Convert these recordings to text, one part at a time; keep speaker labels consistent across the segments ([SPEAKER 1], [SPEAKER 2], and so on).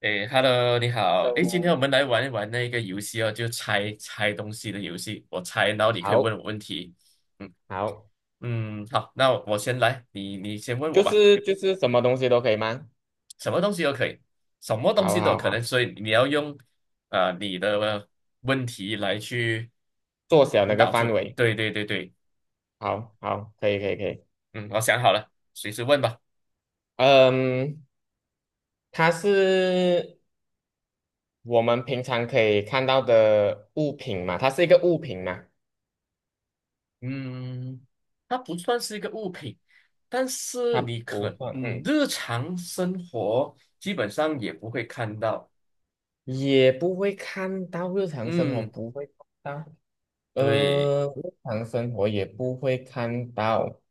[SPEAKER 1] 诶，Hello，你好。
[SPEAKER 2] 任
[SPEAKER 1] 诶，今天
[SPEAKER 2] 务
[SPEAKER 1] 我们来玩一玩那个游戏哦，就猜猜东西的游戏。我猜，然后你可以
[SPEAKER 2] 好
[SPEAKER 1] 问我问题。嗯
[SPEAKER 2] 好，
[SPEAKER 1] 嗯，好，那我先来，你先问
[SPEAKER 2] 就
[SPEAKER 1] 我吧。
[SPEAKER 2] 是就是什么东西都可以吗？
[SPEAKER 1] 什么东西都可以，什么东
[SPEAKER 2] 好
[SPEAKER 1] 西都有
[SPEAKER 2] 好
[SPEAKER 1] 可能，
[SPEAKER 2] 好，
[SPEAKER 1] 所以你要用你的问题来去
[SPEAKER 2] 缩小那
[SPEAKER 1] 引
[SPEAKER 2] 个
[SPEAKER 1] 导
[SPEAKER 2] 范
[SPEAKER 1] 出。
[SPEAKER 2] 围，
[SPEAKER 1] 对对对对，
[SPEAKER 2] 好好，可以可以可以。
[SPEAKER 1] 嗯，我想好了，随时问吧。
[SPEAKER 2] 嗯，它是我们平常可以看到的物品嘛？它是一个物品嘛？
[SPEAKER 1] 嗯，它不算是一个物品，但是
[SPEAKER 2] 它
[SPEAKER 1] 你
[SPEAKER 2] 不
[SPEAKER 1] 可
[SPEAKER 2] 算，
[SPEAKER 1] 嗯，
[SPEAKER 2] 嗯，
[SPEAKER 1] 日常生活基本上也不会看到。
[SPEAKER 2] 也不会看到，日常生活
[SPEAKER 1] 嗯，
[SPEAKER 2] 不会看到，
[SPEAKER 1] 对，
[SPEAKER 2] 日常生活也不会看到。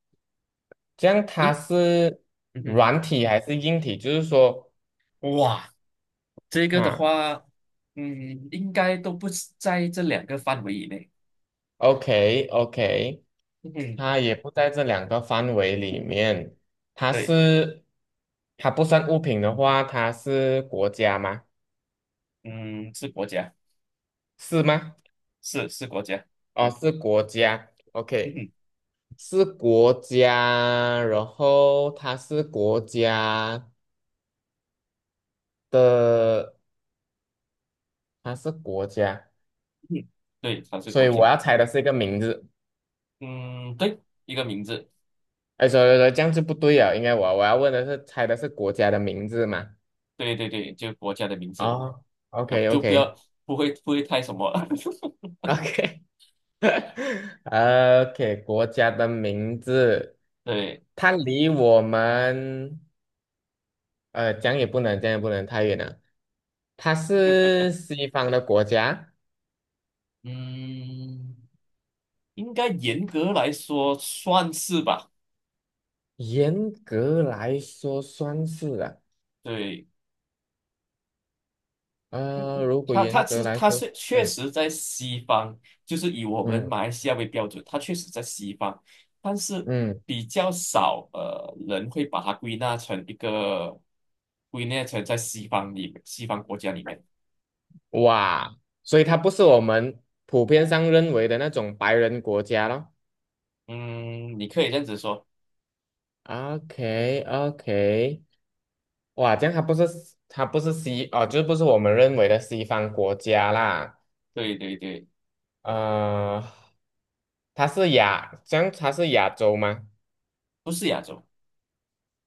[SPEAKER 2] 这样它
[SPEAKER 1] 应
[SPEAKER 2] 是
[SPEAKER 1] 嗯
[SPEAKER 2] 软体还是硬体？就是说，
[SPEAKER 1] 哼，哇，这个的
[SPEAKER 2] 哈
[SPEAKER 1] 话，嗯，应该都不是在这两个范围以内。
[SPEAKER 2] ，OK OK。
[SPEAKER 1] 嗯哼，
[SPEAKER 2] 它也不在这两个范围里面，它
[SPEAKER 1] 对，
[SPEAKER 2] 是，它不算物品的话，它是国家吗？
[SPEAKER 1] 嗯，是国家，
[SPEAKER 2] 是吗？
[SPEAKER 1] 是国家。
[SPEAKER 2] 哦，是国家。
[SPEAKER 1] 嗯
[SPEAKER 2] OK,
[SPEAKER 1] 哼，
[SPEAKER 2] 是国家，然后它是国家的，它是国家，
[SPEAKER 1] 嗯，对，它是
[SPEAKER 2] 所
[SPEAKER 1] 国
[SPEAKER 2] 以我
[SPEAKER 1] 家。
[SPEAKER 2] 要猜的是一个名字。
[SPEAKER 1] 嗯，对，一个名字，
[SPEAKER 2] 哎，所以说这样就不对了，应该我要问的是猜的是国家的名字嘛？
[SPEAKER 1] 对对对，就国家的名字，
[SPEAKER 2] 哦， o
[SPEAKER 1] 要
[SPEAKER 2] k o
[SPEAKER 1] 就不要
[SPEAKER 2] k
[SPEAKER 1] 不会太什么。
[SPEAKER 2] OK，OK，国家的名字，
[SPEAKER 1] 对。
[SPEAKER 2] 它离我们，讲也不能，讲也不能太远了。它是西方的国家，
[SPEAKER 1] 嗯，应该严格来说算是吧。
[SPEAKER 2] 严格来说算是啊。
[SPEAKER 1] 对，
[SPEAKER 2] 如果
[SPEAKER 1] 他，
[SPEAKER 2] 严
[SPEAKER 1] 他
[SPEAKER 2] 格
[SPEAKER 1] 是
[SPEAKER 2] 来
[SPEAKER 1] 他
[SPEAKER 2] 说，
[SPEAKER 1] 是确
[SPEAKER 2] 嗯
[SPEAKER 1] 实在西方，就是以我们
[SPEAKER 2] 嗯
[SPEAKER 1] 马来西亚为标准，他确实在西方，但是
[SPEAKER 2] 嗯，
[SPEAKER 1] 比较少人会把它归纳成在西方国家里面。
[SPEAKER 2] 哇，所以它不是我们普遍上认为的那种白人国家咯。
[SPEAKER 1] 嗯，你可以这样子说，
[SPEAKER 2] o k o k, 哇，这样它不是，它不是西哦，就是不是我们认为的西方国家啦。
[SPEAKER 1] 对对对，
[SPEAKER 2] 呃，它是亚，这样它是亚洲吗？
[SPEAKER 1] 不是亚洲。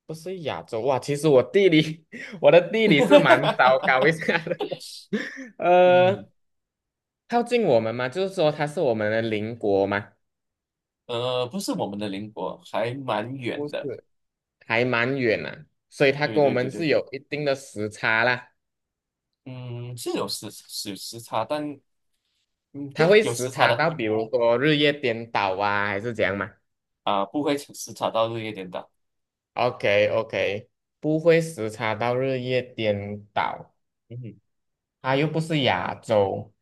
[SPEAKER 2] 不是亚洲哇，其实我地理 我的地理是蛮糟 糕一下的。
[SPEAKER 1] 嗯，
[SPEAKER 2] 呃，靠近我们嘛，就是说它是我们的邻国嘛，
[SPEAKER 1] 不是我们的邻国，还蛮远
[SPEAKER 2] 不是，
[SPEAKER 1] 的。
[SPEAKER 2] 还蛮远啊，所以它
[SPEAKER 1] 对
[SPEAKER 2] 跟我
[SPEAKER 1] 对
[SPEAKER 2] 们
[SPEAKER 1] 对
[SPEAKER 2] 是
[SPEAKER 1] 对。
[SPEAKER 2] 有一定的时差啦。
[SPEAKER 1] 嗯，是有时差，
[SPEAKER 2] 它
[SPEAKER 1] 对，
[SPEAKER 2] 会
[SPEAKER 1] 有
[SPEAKER 2] 时
[SPEAKER 1] 时差
[SPEAKER 2] 差
[SPEAKER 1] 的
[SPEAKER 2] 到比如说日夜颠倒啊，还是怎样嘛？
[SPEAKER 1] 不会时差到日夜颠倒。
[SPEAKER 2] OK OK,不会时差到日夜颠倒，
[SPEAKER 1] 嗯哼，
[SPEAKER 2] 它又不是亚洲，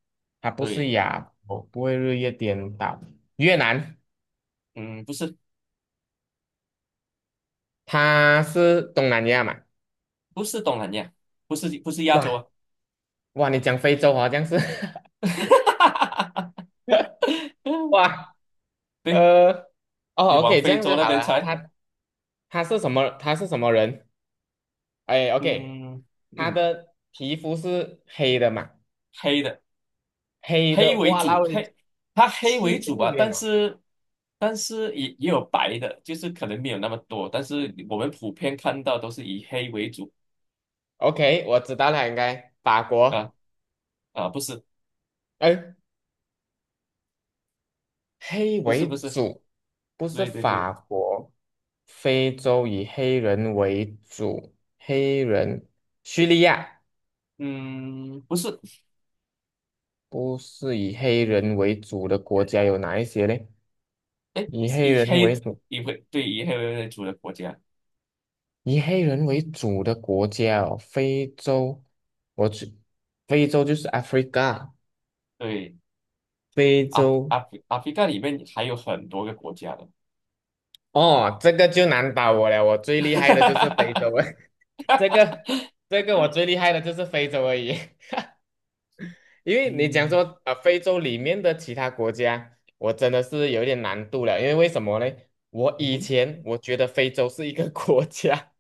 [SPEAKER 2] 它不是
[SPEAKER 1] 对，
[SPEAKER 2] 亚洲，不会日夜颠倒。越南，
[SPEAKER 1] 嗯，不是
[SPEAKER 2] 它是东南亚嘛？
[SPEAKER 1] 不是东南亚，不是不是亚洲啊。
[SPEAKER 2] 哇哇，你讲非洲好像是，哇，
[SPEAKER 1] 对，
[SPEAKER 2] 呃
[SPEAKER 1] 你
[SPEAKER 2] 哦
[SPEAKER 1] 往
[SPEAKER 2] OK,这
[SPEAKER 1] 非
[SPEAKER 2] 样
[SPEAKER 1] 洲
[SPEAKER 2] 就
[SPEAKER 1] 那
[SPEAKER 2] 好
[SPEAKER 1] 边
[SPEAKER 2] 了。它
[SPEAKER 1] 猜。
[SPEAKER 2] 他，他是什么？他是什么人？哎 OK,
[SPEAKER 1] 嗯
[SPEAKER 2] 他
[SPEAKER 1] 嗯，
[SPEAKER 2] 的皮肤是黑的嘛？
[SPEAKER 1] 黑的
[SPEAKER 2] 黑
[SPEAKER 1] 黑
[SPEAKER 2] 的，
[SPEAKER 1] 为
[SPEAKER 2] 哇，然
[SPEAKER 1] 主，
[SPEAKER 2] 后你
[SPEAKER 1] 黑它黑为
[SPEAKER 2] 去这
[SPEAKER 1] 主
[SPEAKER 2] 样
[SPEAKER 1] 吧，但
[SPEAKER 2] 远啊？
[SPEAKER 1] 是也有白的，就是可能没有那么多，但是我们普遍看到都是以黑为主。
[SPEAKER 2] OK,我知道了，应该法
[SPEAKER 1] 啊
[SPEAKER 2] 国，
[SPEAKER 1] 啊，不是
[SPEAKER 2] 哎，黑
[SPEAKER 1] 不是
[SPEAKER 2] 为
[SPEAKER 1] 不是，
[SPEAKER 2] 主，不是
[SPEAKER 1] 对对对。
[SPEAKER 2] 法国，非洲以黑人为主，黑人，叙利亚
[SPEAKER 1] 嗯，不是，
[SPEAKER 2] 不是以黑人为主的国家有哪一些嘞？
[SPEAKER 1] 哎，
[SPEAKER 2] 以黑
[SPEAKER 1] 以
[SPEAKER 2] 人为
[SPEAKER 1] 黑
[SPEAKER 2] 主，
[SPEAKER 1] 以黑为主的国家，
[SPEAKER 2] 以黑人为主的国家哦，非洲，我去，非洲就是 Africa,
[SPEAKER 1] 对，
[SPEAKER 2] 非
[SPEAKER 1] 阿
[SPEAKER 2] 洲，
[SPEAKER 1] 阿非干里面还有很多个国家的。
[SPEAKER 2] 哦，这个就难倒我了，我最厉害的就是非洲。这个这个我最厉害的就是非洲而已，因为你讲
[SPEAKER 1] 嗯
[SPEAKER 2] 说啊非洲里面的其他国家，我真的是有一点难度了，因为为什么呢？我
[SPEAKER 1] 嗯
[SPEAKER 2] 以
[SPEAKER 1] 哼，
[SPEAKER 2] 前我觉得非洲是一个 国家，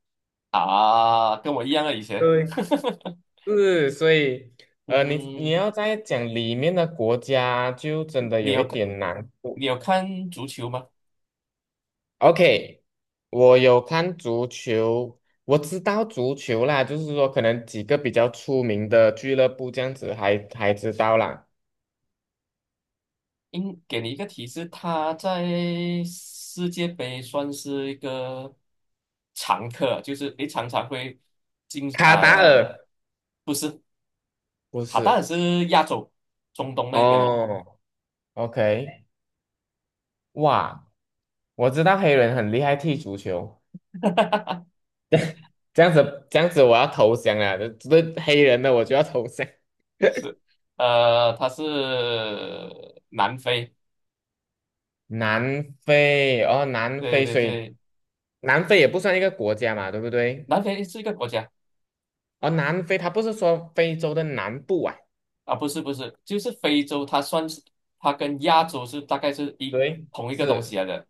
[SPEAKER 1] 啊，跟我一样啊，以 前。
[SPEAKER 2] 对，是，所以，
[SPEAKER 1] 嗯
[SPEAKER 2] 你你
[SPEAKER 1] 哼，
[SPEAKER 2] 要再讲里面的国家，就真的
[SPEAKER 1] 你
[SPEAKER 2] 有
[SPEAKER 1] 有
[SPEAKER 2] 一
[SPEAKER 1] 看
[SPEAKER 2] 点难
[SPEAKER 1] 你
[SPEAKER 2] 度。
[SPEAKER 1] 有看足球吗？
[SPEAKER 2] OK,我有看足球，我知道足球啦，就是说可能几个比较出名的俱乐部这样子还知道啦，
[SPEAKER 1] 给你一个提示，他在世界杯算是一个常客，就是常常会进
[SPEAKER 2] 卡达
[SPEAKER 1] 啊、
[SPEAKER 2] 尔。不
[SPEAKER 1] 他当然
[SPEAKER 2] 是
[SPEAKER 1] 是亚洲中东那边的。
[SPEAKER 2] 哦，OK,哇，我知道黑人很厉害踢足球，这样子这样子我要投降了，这，这黑人的我就要投降。
[SPEAKER 1] 是，它是南非，
[SPEAKER 2] 南非哦，南
[SPEAKER 1] 对
[SPEAKER 2] 非，
[SPEAKER 1] 对
[SPEAKER 2] 所以
[SPEAKER 1] 对，
[SPEAKER 2] 南非也不算一个国家嘛，对不对？
[SPEAKER 1] 南非是一个国家
[SPEAKER 2] 哦，南非它不是说非洲的南部啊，
[SPEAKER 1] 啊，不是不是，就是非洲。它跟亚洲是大概是一
[SPEAKER 2] 对，
[SPEAKER 1] 同一个东西
[SPEAKER 2] 是，
[SPEAKER 1] 来的，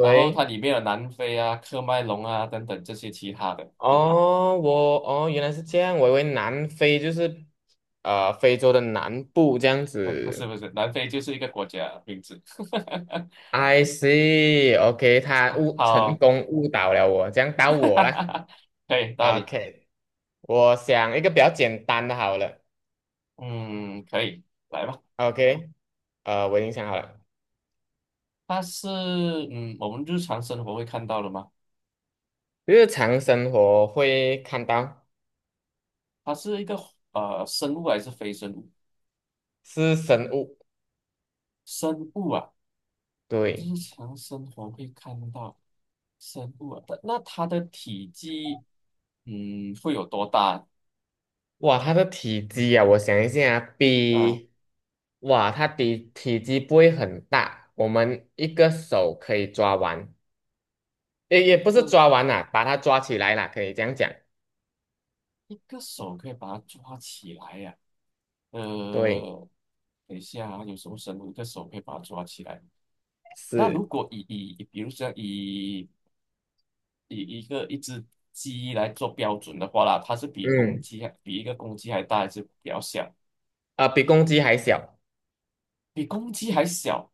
[SPEAKER 1] 然后它里面有南非啊、喀麦隆啊等等这些其他的。
[SPEAKER 2] 哦，我哦原来是这样，我以为南非就是非洲的南部这样
[SPEAKER 1] 哎，不是
[SPEAKER 2] 子。
[SPEAKER 1] 不是，南非就是一个国家名字。
[SPEAKER 2] I see，OK，他
[SPEAKER 1] 好，
[SPEAKER 2] 误成
[SPEAKER 1] 好。
[SPEAKER 2] 功误导了我，这样到我啦。
[SPEAKER 1] 可以，到理。
[SPEAKER 2] OK,我想一个比较简单的好了。
[SPEAKER 1] 嗯，可以，来吧。
[SPEAKER 2] OK,我已经想好了，
[SPEAKER 1] 它是嗯我们日常生活会看到了吗？
[SPEAKER 2] 日常生活会看到，
[SPEAKER 1] 它是一个生物还是非生物？
[SPEAKER 2] 是生物，
[SPEAKER 1] 生物啊，
[SPEAKER 2] 对，
[SPEAKER 1] 日常生活会看到生物啊。但那它的体积，嗯，会有多大
[SPEAKER 2] 哇，它的体积啊，我想一下啊，
[SPEAKER 1] 啊？
[SPEAKER 2] 比，哇，它的体积不会很大，我们一个手可以抓完，也不是抓
[SPEAKER 1] 这
[SPEAKER 2] 完啦、把它抓起来啦，可以这样讲，
[SPEAKER 1] 一个手可以把它抓起来呀、
[SPEAKER 2] 对，
[SPEAKER 1] 呃，等一下啊，有什么生物一个手可以把它抓起来？那如
[SPEAKER 2] 是，
[SPEAKER 1] 果以比如说以一只鸡来做标准的话啦，它是比公
[SPEAKER 2] 嗯。
[SPEAKER 1] 鸡还大，还是比较小？
[SPEAKER 2] 啊、比公鸡还小。
[SPEAKER 1] 比公鸡还小？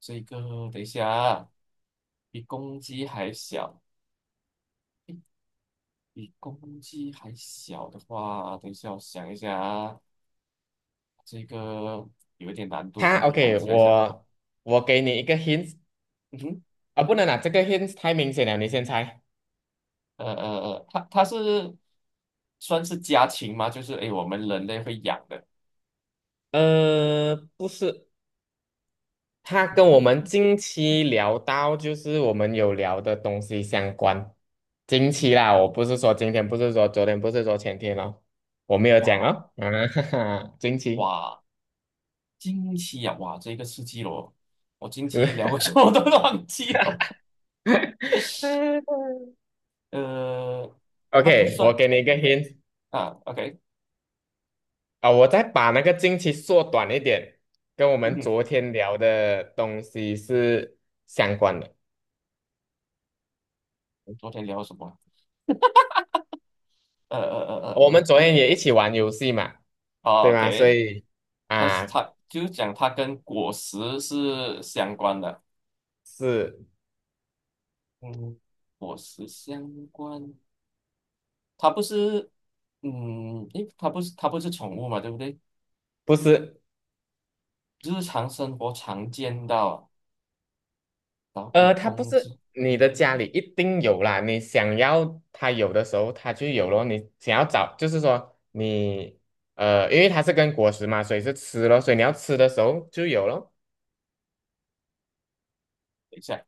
[SPEAKER 1] 这个等一下啊，比公鸡还小，比公鸡还小的话，等一下我想一下啊，这个有一点难度啊，
[SPEAKER 2] 它
[SPEAKER 1] 比公
[SPEAKER 2] OK,
[SPEAKER 1] 鸡还小。
[SPEAKER 2] 我给你一个 hint
[SPEAKER 1] 嗯哼，
[SPEAKER 2] 啊，不能啊，这个 hint 太明显了，你先猜。
[SPEAKER 1] 呃呃它是算是家禽吗？就是我们人类会养的。
[SPEAKER 2] 呃，不是，它
[SPEAKER 1] 人
[SPEAKER 2] 跟我
[SPEAKER 1] 类
[SPEAKER 2] 们
[SPEAKER 1] 不
[SPEAKER 2] 近期聊到，就是我们有聊的东西相关。近期啦，我不是说今天，不是说昨天，不是说前天咯，我没有讲
[SPEAKER 1] 哇
[SPEAKER 2] 哦。啊，哈哈，近期。
[SPEAKER 1] 哇，惊奇啊，哇，这个刺激了我，我惊奇
[SPEAKER 2] 对
[SPEAKER 1] 聊过什么都忘记了。呃，它不
[SPEAKER 2] OK,我
[SPEAKER 1] 算
[SPEAKER 2] 给你一个
[SPEAKER 1] 嗯
[SPEAKER 2] hint,
[SPEAKER 1] 啊，OK，
[SPEAKER 2] 啊，我再把那个经期缩短一点，跟我
[SPEAKER 1] 嗯
[SPEAKER 2] 们
[SPEAKER 1] 哼，
[SPEAKER 2] 昨天聊的东西是相关的。
[SPEAKER 1] 我们昨天聊了什么啊？
[SPEAKER 2] 我们昨天
[SPEAKER 1] 嗯，
[SPEAKER 2] 也一起玩游戏嘛，
[SPEAKER 1] 哦
[SPEAKER 2] 对吗？所
[SPEAKER 1] ，OK，
[SPEAKER 2] 以啊，
[SPEAKER 1] 它就是讲它跟果实是相关的。
[SPEAKER 2] 是
[SPEAKER 1] 嗯，果实相关，它不是，嗯，它不是宠物嘛，对不对？
[SPEAKER 2] 不是？
[SPEAKER 1] 日常生活常见到啊，然后比
[SPEAKER 2] 它不
[SPEAKER 1] 公鸡，
[SPEAKER 2] 是你的家里一定有啦，你想要它有的时候它就有咯。你想要找，就是说你，因为它是跟果实嘛，所以是吃咯，所以你要吃的时候就有咯。
[SPEAKER 1] 等一下，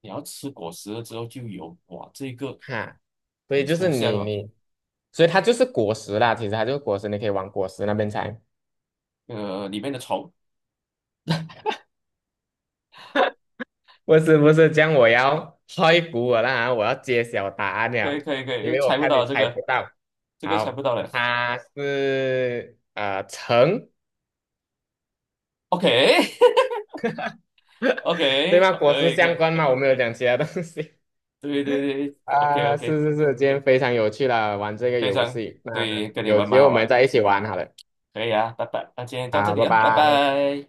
[SPEAKER 1] 你要吃果实了之后就有，哇，这个
[SPEAKER 2] 哈，所以
[SPEAKER 1] 很
[SPEAKER 2] 就是
[SPEAKER 1] 抽象
[SPEAKER 2] 你
[SPEAKER 1] 哦。
[SPEAKER 2] 你，所以它就是果实啦，其实它就是果实，你可以往果实那边猜。
[SPEAKER 1] 里面的虫，
[SPEAKER 2] 不是不是，这样我要开鼓我啦，我要揭晓答案
[SPEAKER 1] 可
[SPEAKER 2] 了，
[SPEAKER 1] 以可以可
[SPEAKER 2] 因
[SPEAKER 1] 以，
[SPEAKER 2] 为我
[SPEAKER 1] 猜不
[SPEAKER 2] 看你
[SPEAKER 1] 到这
[SPEAKER 2] 猜
[SPEAKER 1] 个，
[SPEAKER 2] 不到。
[SPEAKER 1] 这个猜不
[SPEAKER 2] 好，
[SPEAKER 1] 到了
[SPEAKER 2] 它是橙，
[SPEAKER 1] ，OK
[SPEAKER 2] 对吗？
[SPEAKER 1] OK，
[SPEAKER 2] 果
[SPEAKER 1] 可
[SPEAKER 2] 实
[SPEAKER 1] 以可
[SPEAKER 2] 相
[SPEAKER 1] 以，
[SPEAKER 2] 关吗？我没有讲其他东西。
[SPEAKER 1] 对对对，OK
[SPEAKER 2] 啊、
[SPEAKER 1] OK。
[SPEAKER 2] 是是是，今天非常有趣了，玩这个
[SPEAKER 1] 非
[SPEAKER 2] 游
[SPEAKER 1] 常
[SPEAKER 2] 戏。那
[SPEAKER 1] 对，跟你
[SPEAKER 2] 有
[SPEAKER 1] 玩
[SPEAKER 2] 机
[SPEAKER 1] 蛮
[SPEAKER 2] 会我
[SPEAKER 1] 好玩
[SPEAKER 2] 们
[SPEAKER 1] 的，
[SPEAKER 2] 再一起玩好了。
[SPEAKER 1] 可以啊，拜拜，那今天到这
[SPEAKER 2] 好，
[SPEAKER 1] 里
[SPEAKER 2] 拜
[SPEAKER 1] 啊，拜
[SPEAKER 2] 拜。
[SPEAKER 1] 拜。